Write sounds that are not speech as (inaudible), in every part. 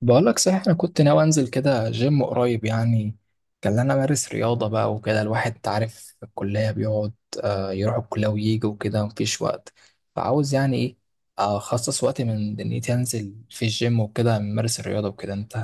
بقولك صحيح أنا كنت ناوي أنزل كده جيم قريب يعني كان أنا أمارس رياضة بقى وكده الواحد أنت عارف في الكلية بيقعد آه، يروح الكلية ويجي وكده مفيش وقت. فعاوز يعني إيه؟ أخصص وقت من دنيتي أنزل في الجيم وكده أمارس الرياضة وكده. أنت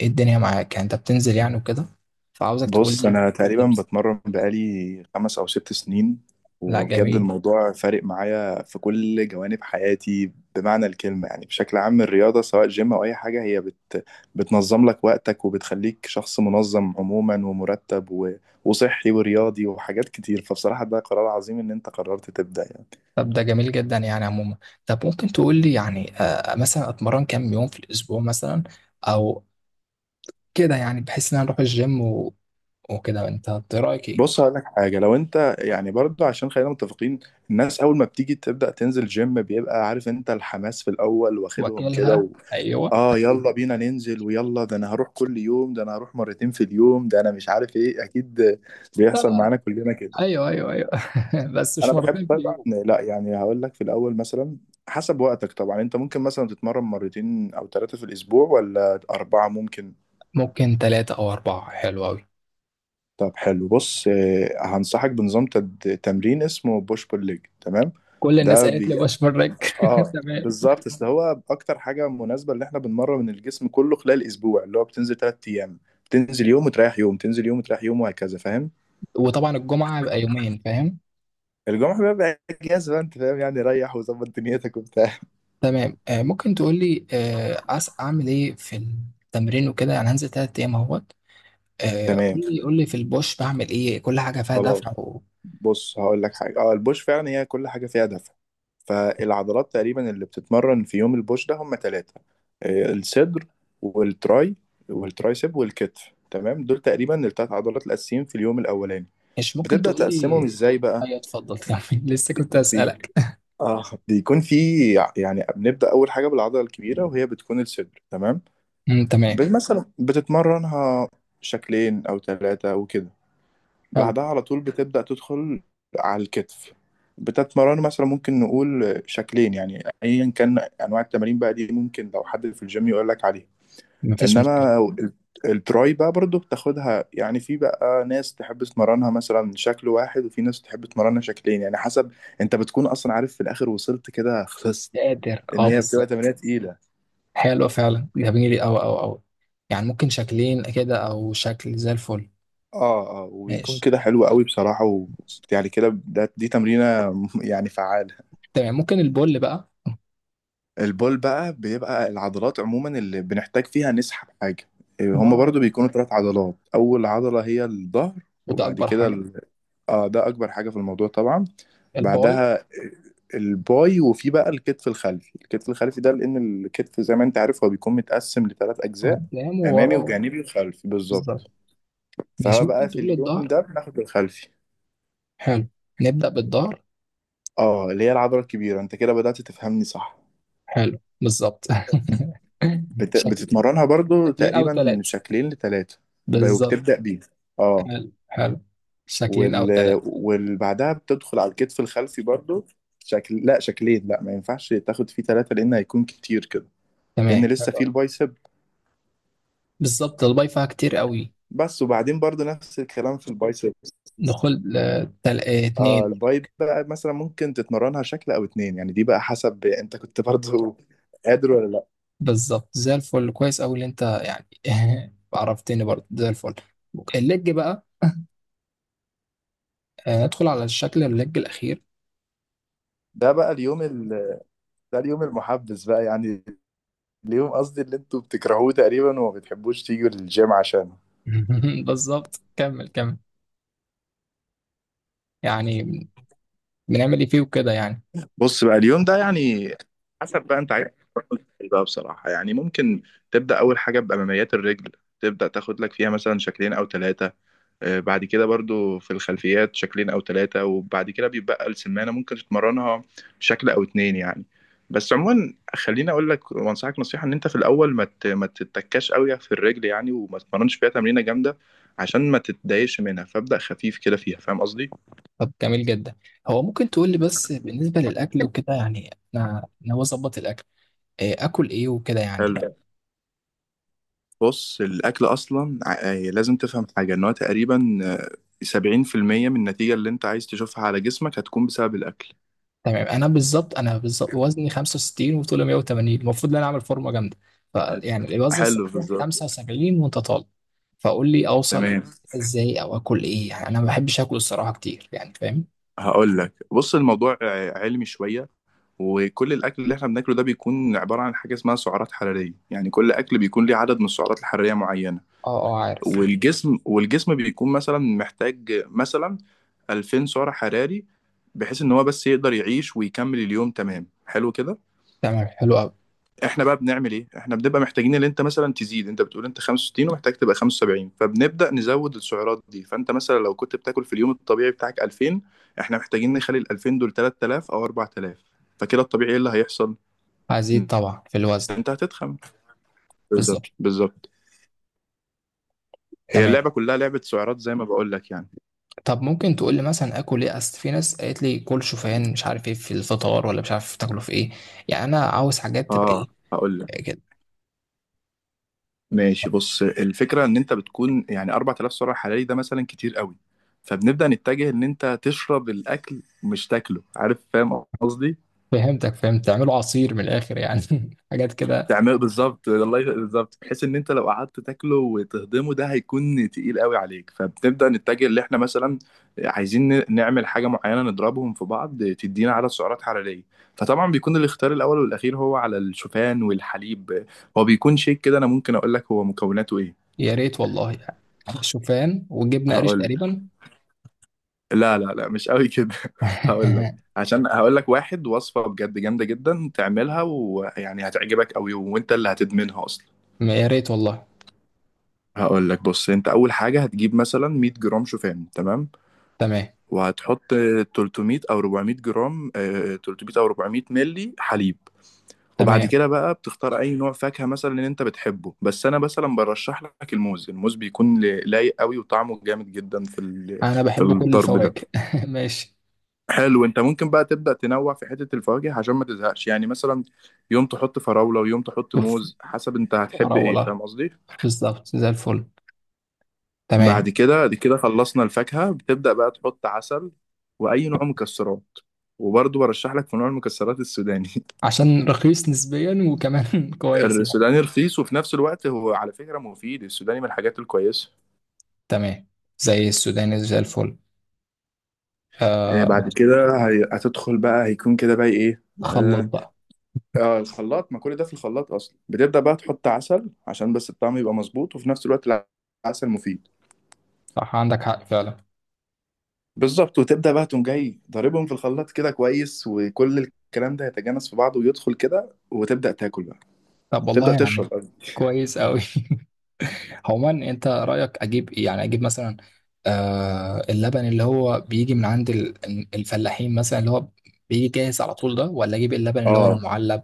إيه الدنيا معاك؟ يعني أنت بتنزل يعني وكده؟ فعاوزك تقول بص، لي. انا تقريبا بتمرن بقالي 5 او 6 سنين. لا، وبجد جميل. الموضوع فارق معايا في كل جوانب حياتي بمعنى الكلمة، يعني بشكل عام الرياضة، سواء جيم او اي حاجة، هي بت بتنظم لك وقتك وبتخليك شخص منظم عموما ومرتب وصحي ورياضي وحاجات كتير. فبصراحة ده قرار عظيم ان انت قررت تبدأ يعني. طب ده جميل جدا يعني عموما. طب ممكن تقول لي يعني مثلا أتمرن كام يوم في الأسبوع مثلا؟ او كده، يعني بحيث ان انا اروح الجيم وكده إنت رايك ايه؟ بص هقول لك حاجة، لو انت يعني برضو، عشان خلينا متفقين، الناس اول ما بتيجي تبدأ تنزل جيم بيبقى عارف انت الحماس في الاول واخدهم واكلها، كده. ايوه. اه يلا بينا ننزل، ويلا ده انا هروح كل يوم، ده انا هروح مرتين في اليوم، ده انا مش عارف ايه، اكيد لا بيحصل لا معانا لا. كلنا كده. ايوه ايوه ايوه. (laughs) بس انا مش بحب مرتين في طبعا، اليوم. لا يعني هقول لك في الاول مثلا حسب وقتك. طبعا انت ممكن مثلا تتمرن مرتين او ثلاثة في الاسبوع ولا اربعة، ممكن. ممكن ثلاثة او اربعة، حلو قوي. طب حلو، بص هنصحك بنظام تمرين اسمه بوش بول ليج، تمام. كل الناس ده قالت بي... لي بشمرك. (laughs) اه تمام. بالظبط، اصل هو اكتر حاجه مناسبه، اللي احنا بنمرن الجسم كله خلال اسبوع اللي هو بتنزل 3 ايام. بتنزل يوم وتريح يوم، تنزل يوم وتريح يوم، وهكذا، فاهم. وطبعا الجمعة يبقى يومين، فاهم. الجمعه بيبقى اجازه بقى، انت فاهم، يعني ريح وظبط دنيتك وبتاع. تمام. آه، ممكن تقول لي، آه، عس اعمل ايه في التمرين وكده؟ يعني هنزل ثلاث ايام اهوت. آه، تمام، قول لي قول لي، في البوش بعمل ايه؟ كل حاجة فيها خلاص. دفع بص هقول لك حاجه، البوش فعلا هي كل حاجه فيها دفع. فالعضلات تقريبا اللي بتتمرن في يوم البوش ده هم ثلاثه: الصدر، والتراي والترايسب والكتف، تمام. دول تقريبا الثلاث عضلات الاساسيين في اليوم الاولاني. مش ممكن بتبدا تقول تقسمهم لي. ازاي بقى؟ ايوه، اتفضل كمل. (laughs) لسه كنت اسالك. اه بيكون في يعني بنبدأ أول حاجة بالعضلة الكبيرة، وهي بتكون الصدر، تمام. امم، تمام. مثلا بتتمرنها شكلين أو ثلاثة وكده. حلو. بعدها على طول بتبدأ تدخل على الكتف، بتتمرن مثلا، ممكن نقول شكلين، يعني أيا كان أنواع التمارين بقى دي، ممكن لو حد في الجيم يقول لك عليها. مفيش مشكلة. إنما ال- التراي بقى برضو بتاخدها، يعني في بقى ناس تحب تمرنها مثلا شكل واحد، وفي ناس تحب تمرنها شكلين، يعني حسب. انت بتكون اصلا عارف في الاخر وصلت كده خلصت، قادر، ان اه هي بتبقى تمرينه بالظبط. تقيله. حلو فعلا، جميل أوي أوي أوي. يعني ممكن شكلين كده أو شكل، زي الفل. اه وبيكون ماشي. كده حلو قوي بصراحه، ماشي. يعني كده، دي تمرينه (laughs) يعني فعاله. تمام، ممكن البول بقى. البول بقى بيبقى العضلات عموما اللي بنحتاج فيها نسحب حاجه. هما برضو ظهر. بيكونوا ثلاث عضلات. اول عضله هي الظهر، وده وبعد أكبر كده حاجة. ال... اه ده اكبر حاجه في الموضوع طبعا. الباي. بعدها الباي، وفي بقى الكتف الخلفي ده، لان الكتف زي ما انت عارف هو بيكون متقسم لثلاث اجزاء: قدام امامي وورا. وجانبي وخلفي، بالظبط. بالظبط. فهو ماشي، بقى ممكن في تقول اليوم الظهر. ده بناخد الخلفي، حلو. نبدأ بالظهر. اه اللي هي العضلة الكبيرة. انت كده بدأت تفهمني، صح. حلو، بالظبط. (laughs) شكل. بتتمرنها برضو شكلين أو تقريبا ثلاثة. شكلين لتلاتة، بالظبط. وبتبدأ بيه، اه. حلو، حلو. شكلين أو وال... ثلاثة. والبعدها بتدخل على الكتف الخلفي برضو، شكل، لا شكلين، لا ما ينفعش تاخد فيه تلاتة لأن هيكون كتير كده، تمام، لأن لسه فيه حلو. البايسب بالظبط، الباي فيها كتير قوي. بس. وبعدين برضو نفس الكلام في البايسب، دخول، آه، تل... آه، اه اتنين. الباي بقى مثلا ممكن تتمرنها شكل أو اتنين، يعني دي بقى حسب انت كنت برضو قادر ولا لا. بالظبط، زي الفل. كويس أوي اللي أنت يعني. (laughs) عرفتني برضه زي الفل. الليج بقى. ندخل على الشكل الليج الأخير. ده بقى اليوم ده اليوم المحبس بقى يعني، اليوم قصدي اللي انتوا بتكرهوه تقريبا وما بتحبوش تيجوا للجيم عشانه. (laughs) بالظبط، كمل كمل. يعني بنعمل إيه فيه وكده يعني؟ بص بقى اليوم ده يعني حسب بقى انت عايز ايه بقى بصراحة، يعني ممكن تبدأ أول حاجة بأماميات الرجل، تبدأ تاخد لك فيها مثلا شكلين أو ثلاثة. بعد كده برضو في الخلفيات شكلين او ثلاثة، وبعد كده بيبقى السمانة ممكن تتمرنها شكل او اتنين يعني. بس عموما خليني اقول لك وانصحك نصيحة، ان انت في الاول ما تتكاش قوي في الرجل يعني، وما تتمرنش فيها تمرينة جامدة عشان ما تتضايقش منها، فابدأ خفيف كده فيها، فاهم قصدي. طب جميل جدا. هو ممكن تقول لي بس بالنسبة للأكل وكده؟ يعني أنا هو أظبط الأكل، آكل إيه وكده يعني؟ حلو، بص الاكل اصلا لازم تفهم حاجة ان هو تقريبا 70% من النتيجة اللي انت عايز تشوفها على جسمك هتكون بسبب الاكل. تمام. انا بالظبط وزني 65 وطولي 180، المفروض ان انا اعمل فورمه جامده. فيعني الوزن حلو، الصحيح بالظبط، 75 وانت طالب. فقول لي اوصل تمام. ازاي، او اكل ايه يعني؟ انا ما بحبش اكل الصراحه كتير يعني، فاهم. هقول لك، بص الموضوع علمي شوية. وكل الأكل اللي احنا بناكله ده بيكون عبارة عن حاجة اسمها سعرات حرارية، يعني كل أكل بيكون ليه عدد من السعرات الحرارية معينة. اه اه، عارف. والجسم بيكون مثلا محتاج مثلا 2000 سعر حراري، بحيث إن هو بس يقدر يعيش ويكمل اليوم، تمام، حلو كده. تمام، حلو قوي. احنا بقى بنعمل ايه؟ احنا بنبقى محتاجين ان انت مثلا تزيد. انت بتقول انت 65 ومحتاج تبقى 75، فبنبدا نزود السعرات دي. فانت مثلا لو كنت بتاكل في اليوم الطبيعي بتاعك 2000، احنا محتاجين نخلي ال 2000 دول 3000 او 4000. فكده الطبيعي ايه اللي هيحصل؟ هزيد ان طبعا في الوزن. انت هتتخن، بالظبط بالظبط. بالظبط. هي تمام. اللعبه كلها لعبه سعرات، زي ما بقول لك يعني. طب ممكن تقول لي مثلا اكل ايه؟ اصل في ناس قالت لي كل شوفان، مش عارف ايه في الفطار، ولا مش عارف تاكله في ايه. يعني انا عاوز حاجات تبقى اه ايه هقول لك، كده؟ ماشي. بص الفكره ان انت بتكون يعني 4000 سعر حراري، ده مثلا كتير قوي. فبنبدا نتجه ان انت تشرب الاكل مش تاكله، عارف، فاهم قصدي. فهمتك، فهمت، تعملوا عصير من الاخر يعني. (laughs) حاجات كده. تعمل بالظبط، بالظبط، بحيث ان انت لو قعدت تاكله وتهضمه ده هيكون تقيل قوي عليك. فبنبدا نتجه اللي احنا مثلا عايزين نعمل حاجه معينه نضربهم في بعض تدينا عدد سعرات حراريه. فطبعا بيكون الاختيار الاول والاخير هو على الشوفان والحليب. هو بيكون شيك كده، انا ممكن اقول لك هو مكوناته ايه. يا ريت والله. يعني شوفان وجبنة قريش هقول لك، تقريبا. لا لا لا، مش قوي كده. (laughs) هقول لك، (laughs) عشان هقول لك واحد وصفه بجد جامده جدا تعملها، ويعني هتعجبك قوي وانت اللي هتدمنها اصلا. يا ريت والله. هقول لك، بص انت اول حاجه هتجيب مثلا 100 جرام شوفان، تمام، تمام. وهتحط 300 او 400 جرام 300 او 400 ملي حليب. وبعد تمام. كده بقى بتختار اي نوع فاكهه مثلا اللي انت بتحبه، بس انا مثلا برشح لك الموز. بيكون لايق قوي وطعمه جامد جدا انا في بحب كل الضرب ده. الفواكه. (laughs) ماشي. حلو، انت ممكن بقى تبدا تنوع في حته الفواكه عشان ما تزهقش، يعني مثلا يوم تحط فراوله ويوم تحط شوف. موز، حسب انت هتحب ايه، مراولة. فاهم قصدي. بالظبط، زي الفل. تمام. بعد كده دي كده خلصنا الفاكهة، بتبدأ بقى تحط عسل وأي نوع مكسرات، وبرضه برشح لك في نوع المكسرات السوداني. عشان رخيص نسبيا وكمان (laughs) (laughs) كويس يعني. السوداني رخيص، وفي نفس الوقت هو على فكرة مفيد، السوداني من الحاجات الكويسة. تمام. زي السوداني، زي الفل. إيه آه. بعد كده هتدخل بقى، هيكون كده بقى إيه؟ خلط آه بقى. الخلاط، ما كل ده في الخلاط أصلا. بتبدأ بقى تحط عسل عشان بس الطعم يبقى مظبوط، وفي نفس الوقت العسل مفيد، صح، عندك حق فعلا. بالظبط. وتبدأ بقى تقوم جاي ضاربهم في الخلاط كده كويس، وكل الكلام ده يتجانس في بعضه ويدخل كده وتبدأ تاكل، طب والله تبدأ تشرب يعني. قبل. كويس قوي. (laughs) عموما انت رايك اجيب ايه؟ يعني اجيب مثلا، آه، اللبن اللي هو بيجي من عند الفلاحين مثلا، اللي هو بيجي جاهز على طول ده، ولا اجيب اللبن اللي هو اه المعلب؟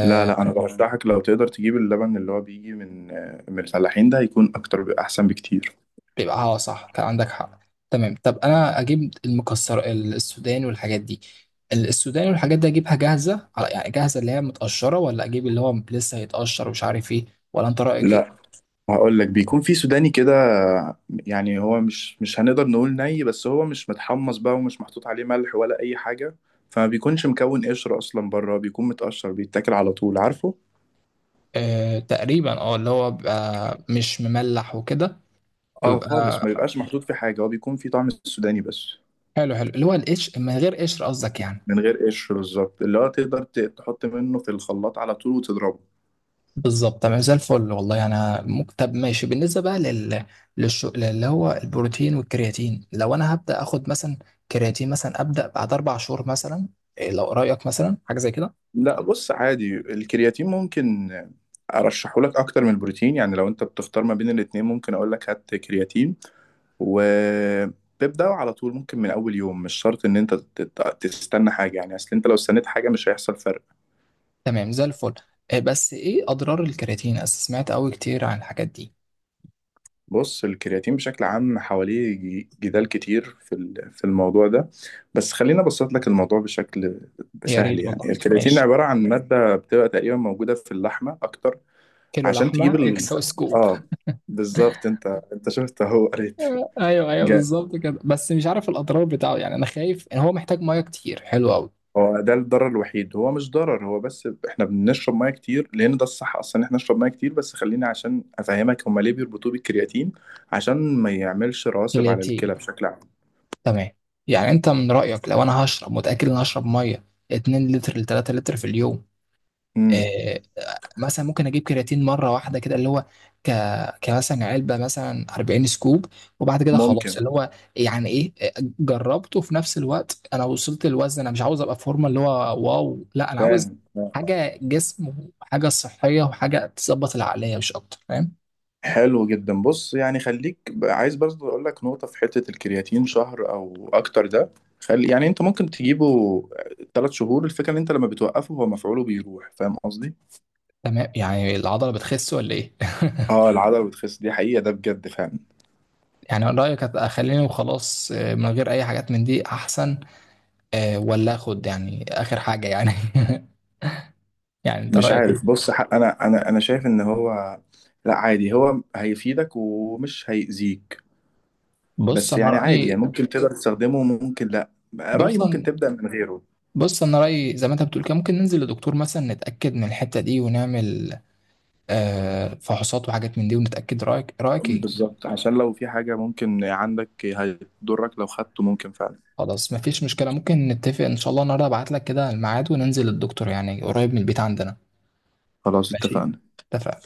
لا لا، انا برشحك لو تقدر تجيب اللبن اللي هو بيجي من الفلاحين، ده هيكون اكتر احسن بكتير. بيبقى اه، صح، كان عندك حق. تمام. طب انا اجيب المكسر السوداني والحاجات دي، السوداني والحاجات دي، اجيبها جاهزه على يعني جاهزه اللي هي متقشره، ولا اجيب اللي هو لسه هيتقشر ومش عارف ايه؟ ولا انت رايك ايه؟ لا هقول لك، بيكون في سوداني كده، يعني هو مش هنقدر نقول ني، بس هو مش متحمص بقى، ومش محطوط عليه ملح ولا اي حاجة، فما بيكونش مكون قشر اصلا بره، بيكون متقشر بيتاكل على طول، عارفه. آه تقريبا، اه، اللي هو بيبقى مش مملح وكده. اه ويبقى خالص، ما بيبقاش محطوط في حاجة، هو بيكون في طعم السوداني بس، حلو حلو اللي هو القشر من غير قشر قصدك يعني. من غير قشر، بالظبط، اللي هو تقدر تحط منه في الخلاط على طول وتضربه. بالظبط، تمام، زي الفل والله. انا طب ماشي. بالنسبه بقى لل اللي هو البروتين والكرياتين، لو انا هبدا اخد مثلا كرياتين مثلا، ابدا بعد اربع شهور مثلا إيه؟ لو رايك مثلا حاجه زي كده. لا بص عادي، الكرياتين ممكن ارشحه لك اكتر من البروتين، يعني لو انت بتختار ما بين الاتنين ممكن اقول لك هات كرياتين وتبدأ على طول، ممكن من اول يوم، مش شرط ان انت تستنى حاجة، يعني اصل انت لو استنيت حاجة مش هيحصل فرق. تمام، زي الفل. إيه بس ايه اضرار الكرياتين؟ أنا سمعت قوي كتير عن الحاجات دي. بص الكرياتين بشكل عام حواليه جدال كتير في الموضوع ده، بس خليني ابسط لك الموضوع بشكل يا سهل. ريت يعني والله، الكرياتين ماشي. عبارة عن مادة بتبقى تقريبا موجودة في اللحمة اكتر، كيلو عشان تجيب لحمه يكسو سكوب. اه بالظبط. انت شفت اهو قريت، (laughs) ايوه ايوه، جامد. بالظبط كده. بس مش عارف الاضرار بتاعه يعني. انا خايف ان هو محتاج ميه كتير. حلو قوي. هو ده الضرر الوحيد، هو مش ضرر، هو بس احنا بنشرب ميه كتير لان ده الصح اصلا، ان احنا نشرب ميه كتير. بس خليني عشان افهمك هما ليه بيربطوه بالكرياتين، عشان ما يعملش رواسب على كرياتين. الكلى بشكل عام. تمام. يعني انت من رأيك لو انا هشرب، متأكد ان انا هشرب ميه 2 لتر ل 3 لتر في اليوم؟ امم آه. مثلا ممكن اجيب كرياتين مره واحده كده، اللي هو ك كمثلا علبه مثلا 40 سكوب، وبعد كده خلاص اللي ممكن، هو يعني ايه، جربته؟ في نفس الوقت انا وصلت الوزن، انا مش عاوز ابقى في فورمه اللي هو واو، لا، انا عاوز فاهم، آه. حاجه جسم وحاجه صحيه وحاجه تظبط العقليه، مش اكتر، فاهم. حلو جدا. بص يعني خليك، عايز برضه اقول لك نقطه في حته الكرياتين شهر او اكتر ده، خلي يعني انت ممكن تجيبه 3 شهور. الفكره ان انت لما بتوقفه هو مفعوله بيروح، فاهم قصدي. تمام. يعني العضله بتخس ولا ايه؟ (laughs) اه العضله بتخس، دي حقيقه، ده بجد فعلا. يعني من رأيك اخليني وخلاص من غير اي حاجات من دي احسن، ولا اخد يعني اخر حاجه يعني؟ (laughs) يعني انت مش رايك عارف، ايه؟ بص حق انا شايف ان هو، لا، عادي. هو هيفيدك ومش هيأذيك، بص بس انا يعني عادي، يعني رايي. ممكن تقدر تستخدمه وممكن لا. رأيي بص ممكن أنا- تبدأ من غيره، بص انا رايي، زي ما انت بتقول كده، ممكن ننزل لدكتور مثلا نتاكد من الحته دي ونعمل فحوصات وحاجات من دي ونتاكد. رايك، رايك ايه؟ بالظبط، عشان لو في حاجه ممكن عندك هتضرك لو خدته، ممكن فعلا. خلاص، مفيش مشكله. ممكن نتفق ان شاء الله النهارده ابعت لك كده الميعاد وننزل للدكتور يعني قريب من البيت عندنا. خلاص ماشي. اتفقنا. اتفقنا.